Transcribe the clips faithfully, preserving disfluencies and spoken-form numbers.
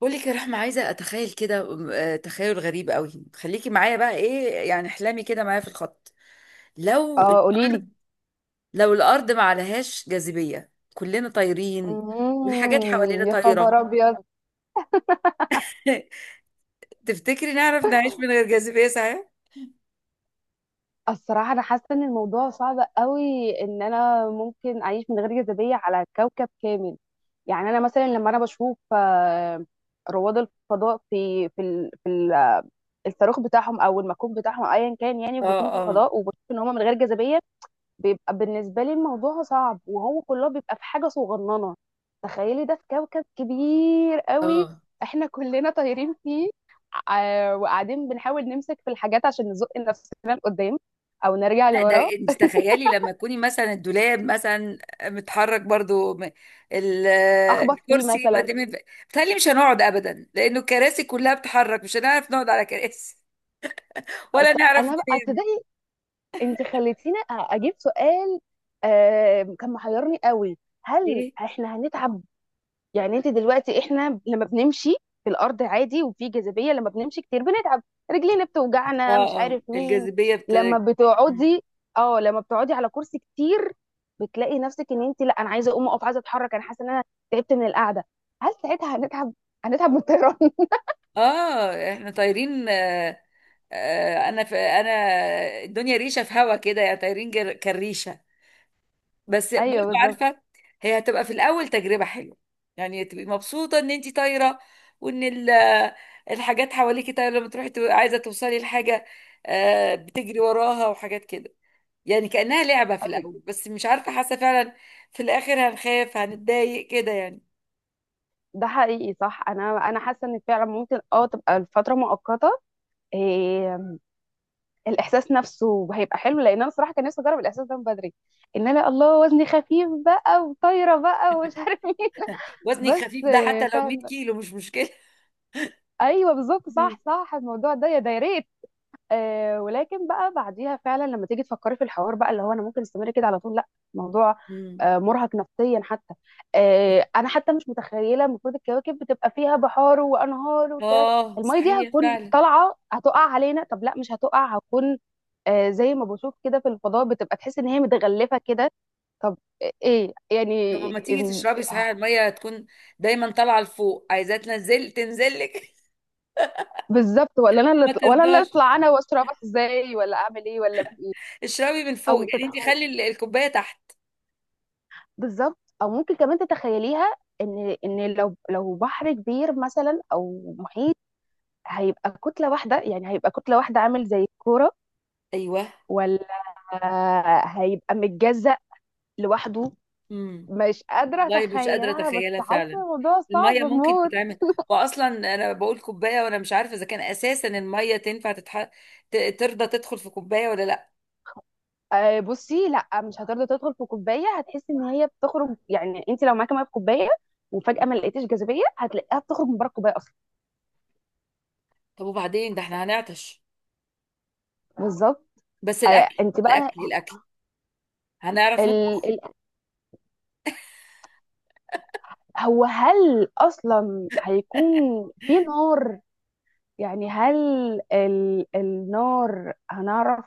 بقولك يا رحمة، عايزة أتخيل كده. آه، تخيل غريب قوي، خليكي معايا بقى. إيه يعني احلامي كده معايا في الخط. لو اه، قوليلي. الأرض لو الأرض ما عليهاش جاذبية، كلنا طايرين، والحاجات حوالينا امم يا خبر طايرة. ابيض! تفتكري نعرف نعيش من غير جاذبية صحيح؟ الصراحه، انا حاسه ان الموضوع صعب قوي ان انا ممكن اعيش من غير جاذبيه على كوكب كامل. يعني انا مثلا لما انا بشوف آه، رواد الفضاء في في ال- في ال- الصاروخ بتاعهم او المكوك بتاعهم أو ايا كان، يعني اه. وبيكونوا في اه. الفضاء وبشوف ان هم من غير جاذبيه. بيبقى بالنسبة لي الموضوع صعب، وهو كله بيبقى في حاجة صغننة. تخيلي ده في كوكب كبير قوي، اه. احنا كلنا طايرين فيه. ع- وقاعدين بنحاول نمسك في الحاجات عشان نزق نفسنا لقدام، او نرجع لا، ده لورا. انت تخيلي لما تكوني مثلا الدولاب مثلا متحرك برضو م- ال- اخبط فيه الكرسي يبقى. مثلا. بتهيألي مش هنقعد ابدا لانه الكراسي كلها بتتحرك، مش هنعرف نقعد على كراسي، ولا أس- نعرف انا بقى منين. تصدقي، انت خليتيني أ- اجيب سؤال آه، كان محيرني قوي. هل ايه. احنا هنتعب؟ يعني انت دلوقتي، احنا لما بنمشي في الارض عادي وفي جاذبيه، لما بنمشي كتير بنتعب، رجلينا بتوجعنا مش اه اه، عارف مين. الجاذبية بت لما بتقعدي اه لما بتقعدي على كرسي كتير، بتلاقي نفسك ان انت، لا انا عايزه اقوم اقف، عايزه اتحرك، انا حاسه ان انا تعبت من القعده. هل ساعتها هنتعب؟ هنتعب من الطيران؟ اه، احنا طايرين آه آه انا في انا الدنيا ريشة في هوا كده، يعني طايرين جر- كالريشة. بس برضو ايوه، بالظبط. عارفه، هي هتبقى في الاول تجربه حلوه، يعني تبقي مبسوطه ان انت طايره وان ال- آه، الحاجات حواليكي طايره. لما تروحي تبقي عايزه توصلي لحاجه، آه، بتجري وراها وحاجات كده. يعني كانها لعبه في أيوة. الاول، بس مش عارفه، حاسه فعلا في الاخر هنخاف، هنتضايق كده يعني. ده حقيقي، صح، انا انا حاسه ان فعلا ممكن اه تبقى الفتره مؤقته. إيه، الاحساس نفسه هيبقى حلو، لان انا صراحه كان نفسي اجرب الاحساس ده من بدري، ان انا الله وزني خفيف بقى وطايره بقى ومش عارف مين. وزنك بس خفيف، ده آه، حتى لو 100 فعلا. كيلو مش مشكله. ايوه، بالظبط، مم. صح، صح، الموضوع ده يا ده يا ريت. آه ولكن بقى بعديها فعلا لما تيجي تفكري في الحوار بقى، اللي هو انا ممكن استمر كده على طول؟ لا، الموضوع مم. آه مرهق نفسيا حتى. آه انا حتى مش متخيله، المفروض الكواكب بتبقى فيها بحار وانهار والكلام. اه الميه دي صحيح هتكون فعلا. طالعه هتقع علينا؟ طب لا، مش هتقع، هتكون آه زي ما بشوف كده في الفضاء، بتبقى تحس ان هي متغلفه كده. طب ايه إيه، طب يعني ما تيجي إن- تشربي صحيح، الميه تكون دايما طالعه لفوق، عايزاه تنزل تنزلك. بالظبط، ولا انا اللي ما أطلع- ولا اللي ترضاش، اطلع انا واسرع، بس ازاي؟ ولا اعمل ايه؟ ولا في ايه؟ اشربي من فوق، او يعني انت تتخيل خلي ال- الكوبايه تحت. بالظبط، او ممكن كمان تتخيليها، ان ان لو لو بحر كبير مثلا او محيط، هيبقى كتله واحده، يعني هيبقى كتله واحده عامل زي الكوره، ايوه. ولا هيبقى متجزأ لوحده؟ امم. مش قادره والله مش قادره اتخيلها، بس اتخيلها حاسه فعلا. الموضوع صعب الميه ممكن موت. تتعمل. واصلا انا بقول كوبايه، وانا مش عارفه اذا كان اساسا الميه تنفع تتح... ت- ترضى تدخل في كوبايه ولا لا. آه، بصي، لا مش هترضى تدخل في كوبايه، هتحسي ان هي بتخرج، يعني انت لو معاكي ميه في كوبايه وفجاه ما لقيتيش جاذبيه هتلاقيها بتخرج من بره الكوبايه اصلا. طب وبعدين ده احنا هنعطش. بالظبط. بس آه، الاكل، انت بقى الاكل الاكل هنعرف نطبخ. ال- هو، هل اصلا هيكون في نار؟ يعني هل ال... النار هنعرف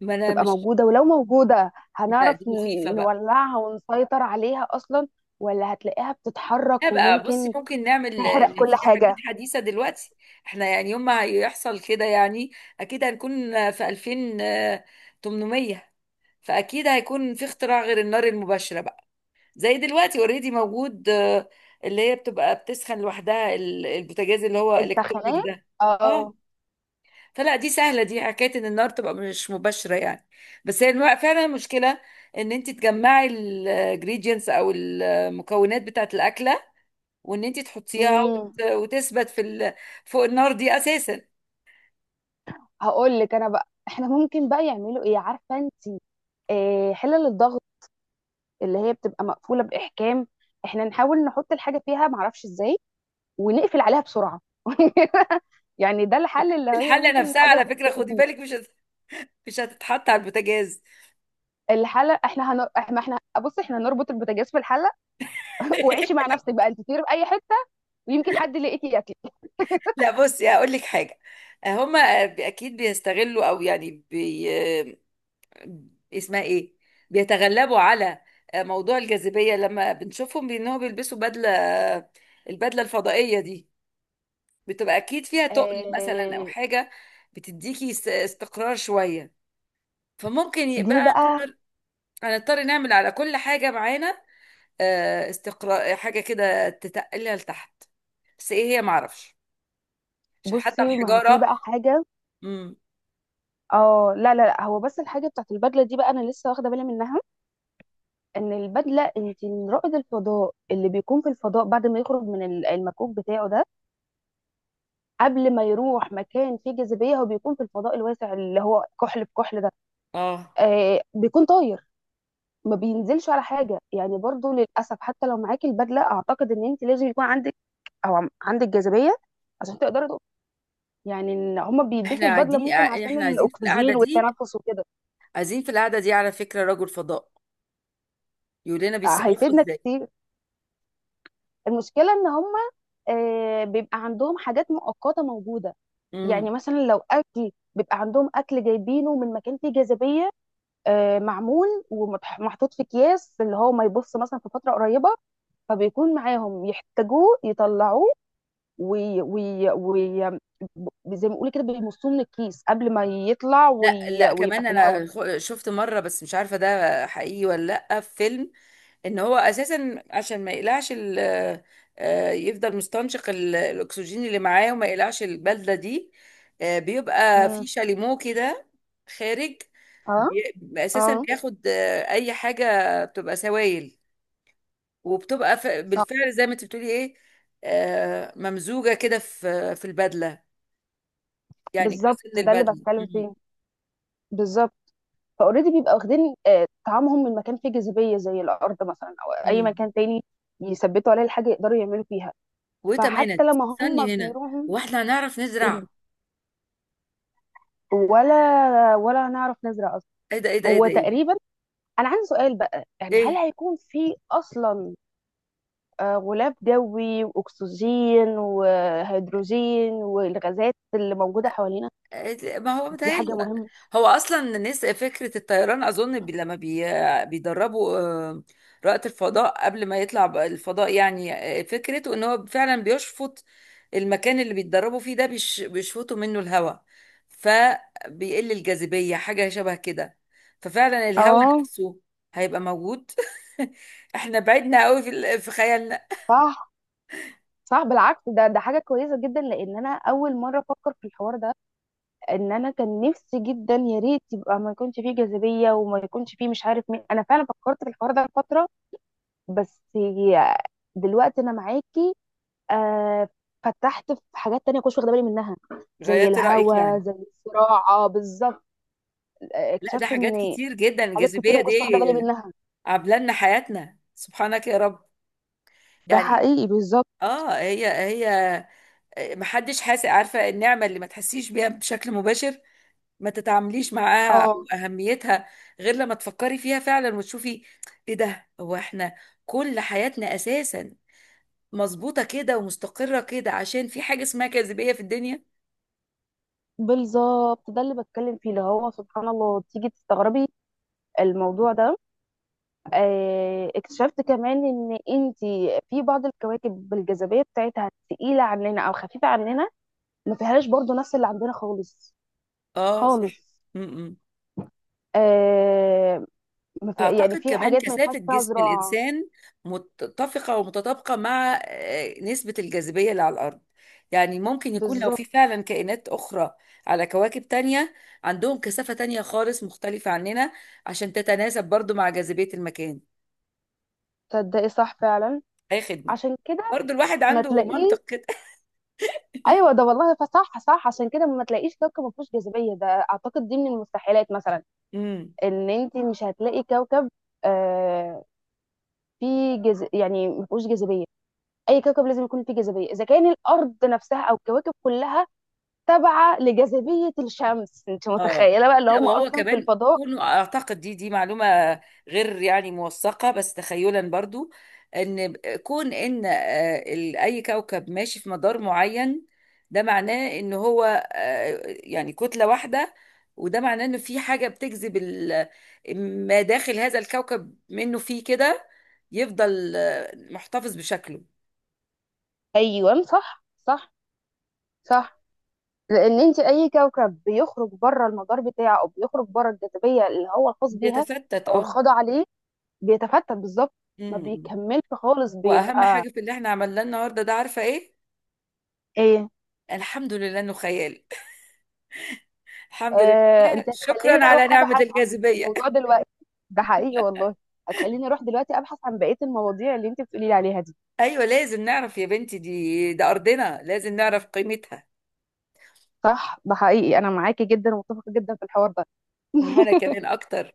ما انا تبقى مش. موجودة، ولو موجودة لا هنعرف دي مخيفه ن- بقى. نولعها ونسيطر عليها اصلا؟ ولا هتلاقيها لا بتتحرك بقى بصي، وممكن ممكن نعمل آه، تحرق كل في حاجات حاجة؟ حديثه دلوقتي. احنا يعني يوم ما هيحصل كده يعني، اكيد هنكون في ألفين وتمنمية. فاكيد هيكون في اختراع غير النار المباشره بقى، زي دلوقتي اوريدي موجود آه، اللي هي بتبقى بتسخن لوحدها، ال- البوتاجاز اللي هو الكترونيك السخانات، ده. اه. اه. فلا دي سهله، دي حكايه ان النار تبقى مش مباشره يعني. بس هي الم- فعلا المشكله ان انت تجمعي الجريدينتس او المكونات بتاعه الاكله، وان انت تحطيها امم وت- وتثبت في ال- فوق النار دي اساسا. هقول لك انا بقى، احنا ممكن بقى يعملوا ايه عارفة انت؟ آه حلل الضغط اللي هي بتبقى مقفولة بإحكام، احنا نحاول نحط الحاجة فيها معرفش ازاي، ونقفل عليها بسرعه. يعني ده الحل، اللي هي الحله ممكن نفسها الحاجه على فكره تت- خدي بالك، مش هت- مش هتتحط على البوتاجاز. الحله احنا هنر... ما احنا بص، احنا هنربط البوتاجاز في الحله. وعيشي مع نفسك بقى، انت تطيري في اي حته، ويمكن حد لقيتي ياكل. لا بصي هقول لك حاجه. هم اكيد بيستغلوا او يعني بي... اسمها ايه، بيتغلبوا على موضوع الجاذبيه لما بنشوفهم بانهم بيلبسوا بدله. البدله الفضائيه دي بتبقى اكيد فيها تقل مثلا او آه... حاجه بتديكي است- استقرار شويه. فممكن يبقى دي بقى، هنضطر هنضطر نعمل على كل حاجه معانا آه، استقرار، حاجه كده تتقلها لتحت، بس ايه هي معرفش، عشان حتى بصي، ما هو في الحجاره. بقى حاجه. امم. اه، لا، لا، لا، هو بس الحاجه بتاعت البدله دي بقى انا لسه واخده بالي منها، ان البدله، انت رائد الفضاء اللي بيكون في الفضاء بعد ما يخرج من ال- المكوك بتاعه ده، قبل ما يروح مكان فيه جاذبيه هو بيكون في الفضاء الواسع اللي هو كحل بكحل. اه آه بيكون طاير، ما بينزلش على حاجه، يعني برضو للاسف حتى لو معاكي البدله اعتقد ان انت لازم يكون عندك او عم- عندك جاذبيه عشان تقدري تقف. يعني ان هما احنا بيلبسوا البدله قاعدين، ممكن عشان احنا عايزين في القعده الاكسجين دي والتنفس وكده. عايزين في القعده دي على فكره رجل فضاء يقول لنا آه، بيتصرفوا هيفيدنا ازاي. كتير. المشكله ان هما آه، بيبقى عندهم حاجات مؤقته موجوده. امم. يعني مثلا لو اكل بيبقى عندهم اكل جايبينه من مكان فيه جاذبيه، آه، معمول ومحطوط في اكياس اللي هو ما يبص مثلا في فتره قريبه. فبيكون معاهم يحتاجوه يطلعوه وي... وي... وي... ب- زي ما بيقولوا كده بيمصوه من الكيس قبل ما يطلع لا وي... لا ويبقى كمان في الهواء. انا خ- شفت مره، بس مش عارفه ده حقيقي ولا. لا، في فيلم ان هو اساسا عشان ما يقلعش ال- آه، يفضل مستنشق ال- الاكسجين اللي معاه، وما يقلعش البلده دي. آه، بيبقى في امم شاليمو كده خارج. اه، بي- اساسا اه، بياخد آه، اي حاجه بتبقى سوائل، وبتبقى ف- صح. بالفعل زي ما انت بتقولي ايه. آه، ممزوجة كده في في البدلة، يعني بالظبط، جزء من ده اللي البدلة. بتكلم مم. فيه، بالظبط. فاوريدي بيبقى واخدين آه، طعامهم من مكان فيه جاذبيه زي الارض مثلا، او اي مم. مكان تاني، يثبتوا عليه الحاجه يقدروا يعملوا فيها. فحتى وتمانت لما استني هم هنا. بيروحوا، واحنا هنعرف قولي. نزرع. ولا ولا نعرف نزرع اصلا؟ ايه ده ايه ده ايه هو ده ايه ده. تقريبا، انا عندي سؤال بقى، يعني هل ايه هيكون في اصلا آه، غلاف جوي واكسجين وهيدروجين والغازات اللي موجوده حوالينا؟ آه، ما هو دي حاجه متهيألي. مهمه. هو اصلا الناس فكره الطيران اظن بي لما بي بيدربوا آه، رائد الفضاء قبل ما يطلع بقى الفضاء يعني. آه، فكرته ان هو فعلا بيشفط. المكان اللي بيتدربوا فيه ده بيش- بيشفطوا منه الهواء، فبيقل الجاذبيه حاجه شبه كده. ففعلا الهواء اه، نفسه هيبقى موجود. احنا بعدنا قوي في ال- في خيالنا. صح، صح، بالعكس ده ده حاجه كويسه جدا، لان انا اول مره افكر في الحوار ده، ان انا كان نفسي جدا يا ريت يبقى ما يكونش فيه جاذبيه وما يكونش فيه مش عارف مين، انا فعلا فكرت في الحوار ده لفتره. بس دلوقتي انا معاكي. آه فتحت في حاجات تانية كنتش واخده بالي منها، زي غيرت رايك الهوا، يعني. زي الزراعه بالظبط. آه، لا، ده اكتشفت حاجات ان كتير جدا حاجات كتير الجاذبيه ما دي كنتش واخده بالي منها. عامله لنا حياتنا، سبحانك يا رب. ده يعني حقيقي، بالظبط. اه هي هي محدش حاسس، عارفه النعمه اللي ما تحسيش بيها بشكل مباشر، ما تتعامليش معاها او اه، اهميتها، غير لما تفكري فيها فعلا وتشوفي. ايه ده، هو احنا كل حياتنا اساسا مظبوطه كده ومستقره كده عشان في حاجه اسمها جاذبيه في الدنيا. بالظبط، ده اللي بتكلم فيه، اللي هو سبحان الله تيجي تستغربي الموضوع ده. آه اكتشفت كمان ان انت، في بعض الكواكب بالجاذبيه بتاعتها تقيله عننا او خفيفه عننا، ما فيهاش برضو نفس اللي عندنا خالص، اه صح. خالص. م-م. آه ما في، يعني أعتقد في كمان حاجات ما ينفعش كثافة فيها جسم زراعه. الإنسان متفقة ومتطابقة مع آه، نسبة الجاذبية اللي على الأرض. يعني ممكن يكون لو في بالظبط، فعلا كائنات أخرى على كواكب تانية، عندهم كثافة تانية خالص مختلفة عننا عشان تتناسب برضو مع جاذبية المكان. تصدقي، صح فعلا، أي خدمة. عشان كده برضو الواحد ما عنده تلاقيش. منطق كده. ايوه، ده والله، فصح، صح، عشان كده ما تلاقيش كوكب ما فيهوش جاذبيه، ده اعتقد دي من المستحيلات مثلا. ان انت مش هتلاقي كوكب آه فيه جز... يعني ما فيهوش جاذبيه. اي كوكب لازم يكون فيه جاذبيه، اذا كان الارض نفسها او الكواكب كلها تابعه لجاذبيه الشمس، انت اه متخيله بقى اللي لا، هم وهو اصلا في كمان الفضاء. كونه اعتقد دي دي معلومه غير يعني موثقه، بس تخيلا برضو ان كون ان آه، ال- اي كوكب ماشي في مدار معين، ده معناه ان هو آه، يعني كتله واحده، وده معناه انه في حاجه بتجذب ال- ما داخل هذا الكوكب منه، فيه كده يفضل آه، محتفظ بشكله. ايوه، صح، صح، صح. لان انت اي كوكب بيخرج بره المدار بتاعه او بيخرج بره الجاذبيه اللي هو الخاص بيها، بيتفتت. او اه. الخاضع عليه، بيتفتت، بالظبط. ما مم. بيكملش خالص واهم بيبقى حاجه في اللي احنا عملناه النهارده ده عارفه ايه؟ ايه. الحمد لله انه خيال. الحمد آه لله، انت شكرا هتخليني على اروح نعمة ابحث عن الجاذبية. الموضوع دلوقتي. ده حقيقي والله، هتخليني اروح دلوقتي ابحث عن بقية المواضيع اللي انت بتقولي لي عليها دي. أيوة لازم نعرف يا بنتي، دي ده أرضنا لازم نعرف قيمتها. صح، ده حقيقي، انا معاكي جدا ومتفقة جدا في الحوار ده. وأنا كمان أكتر.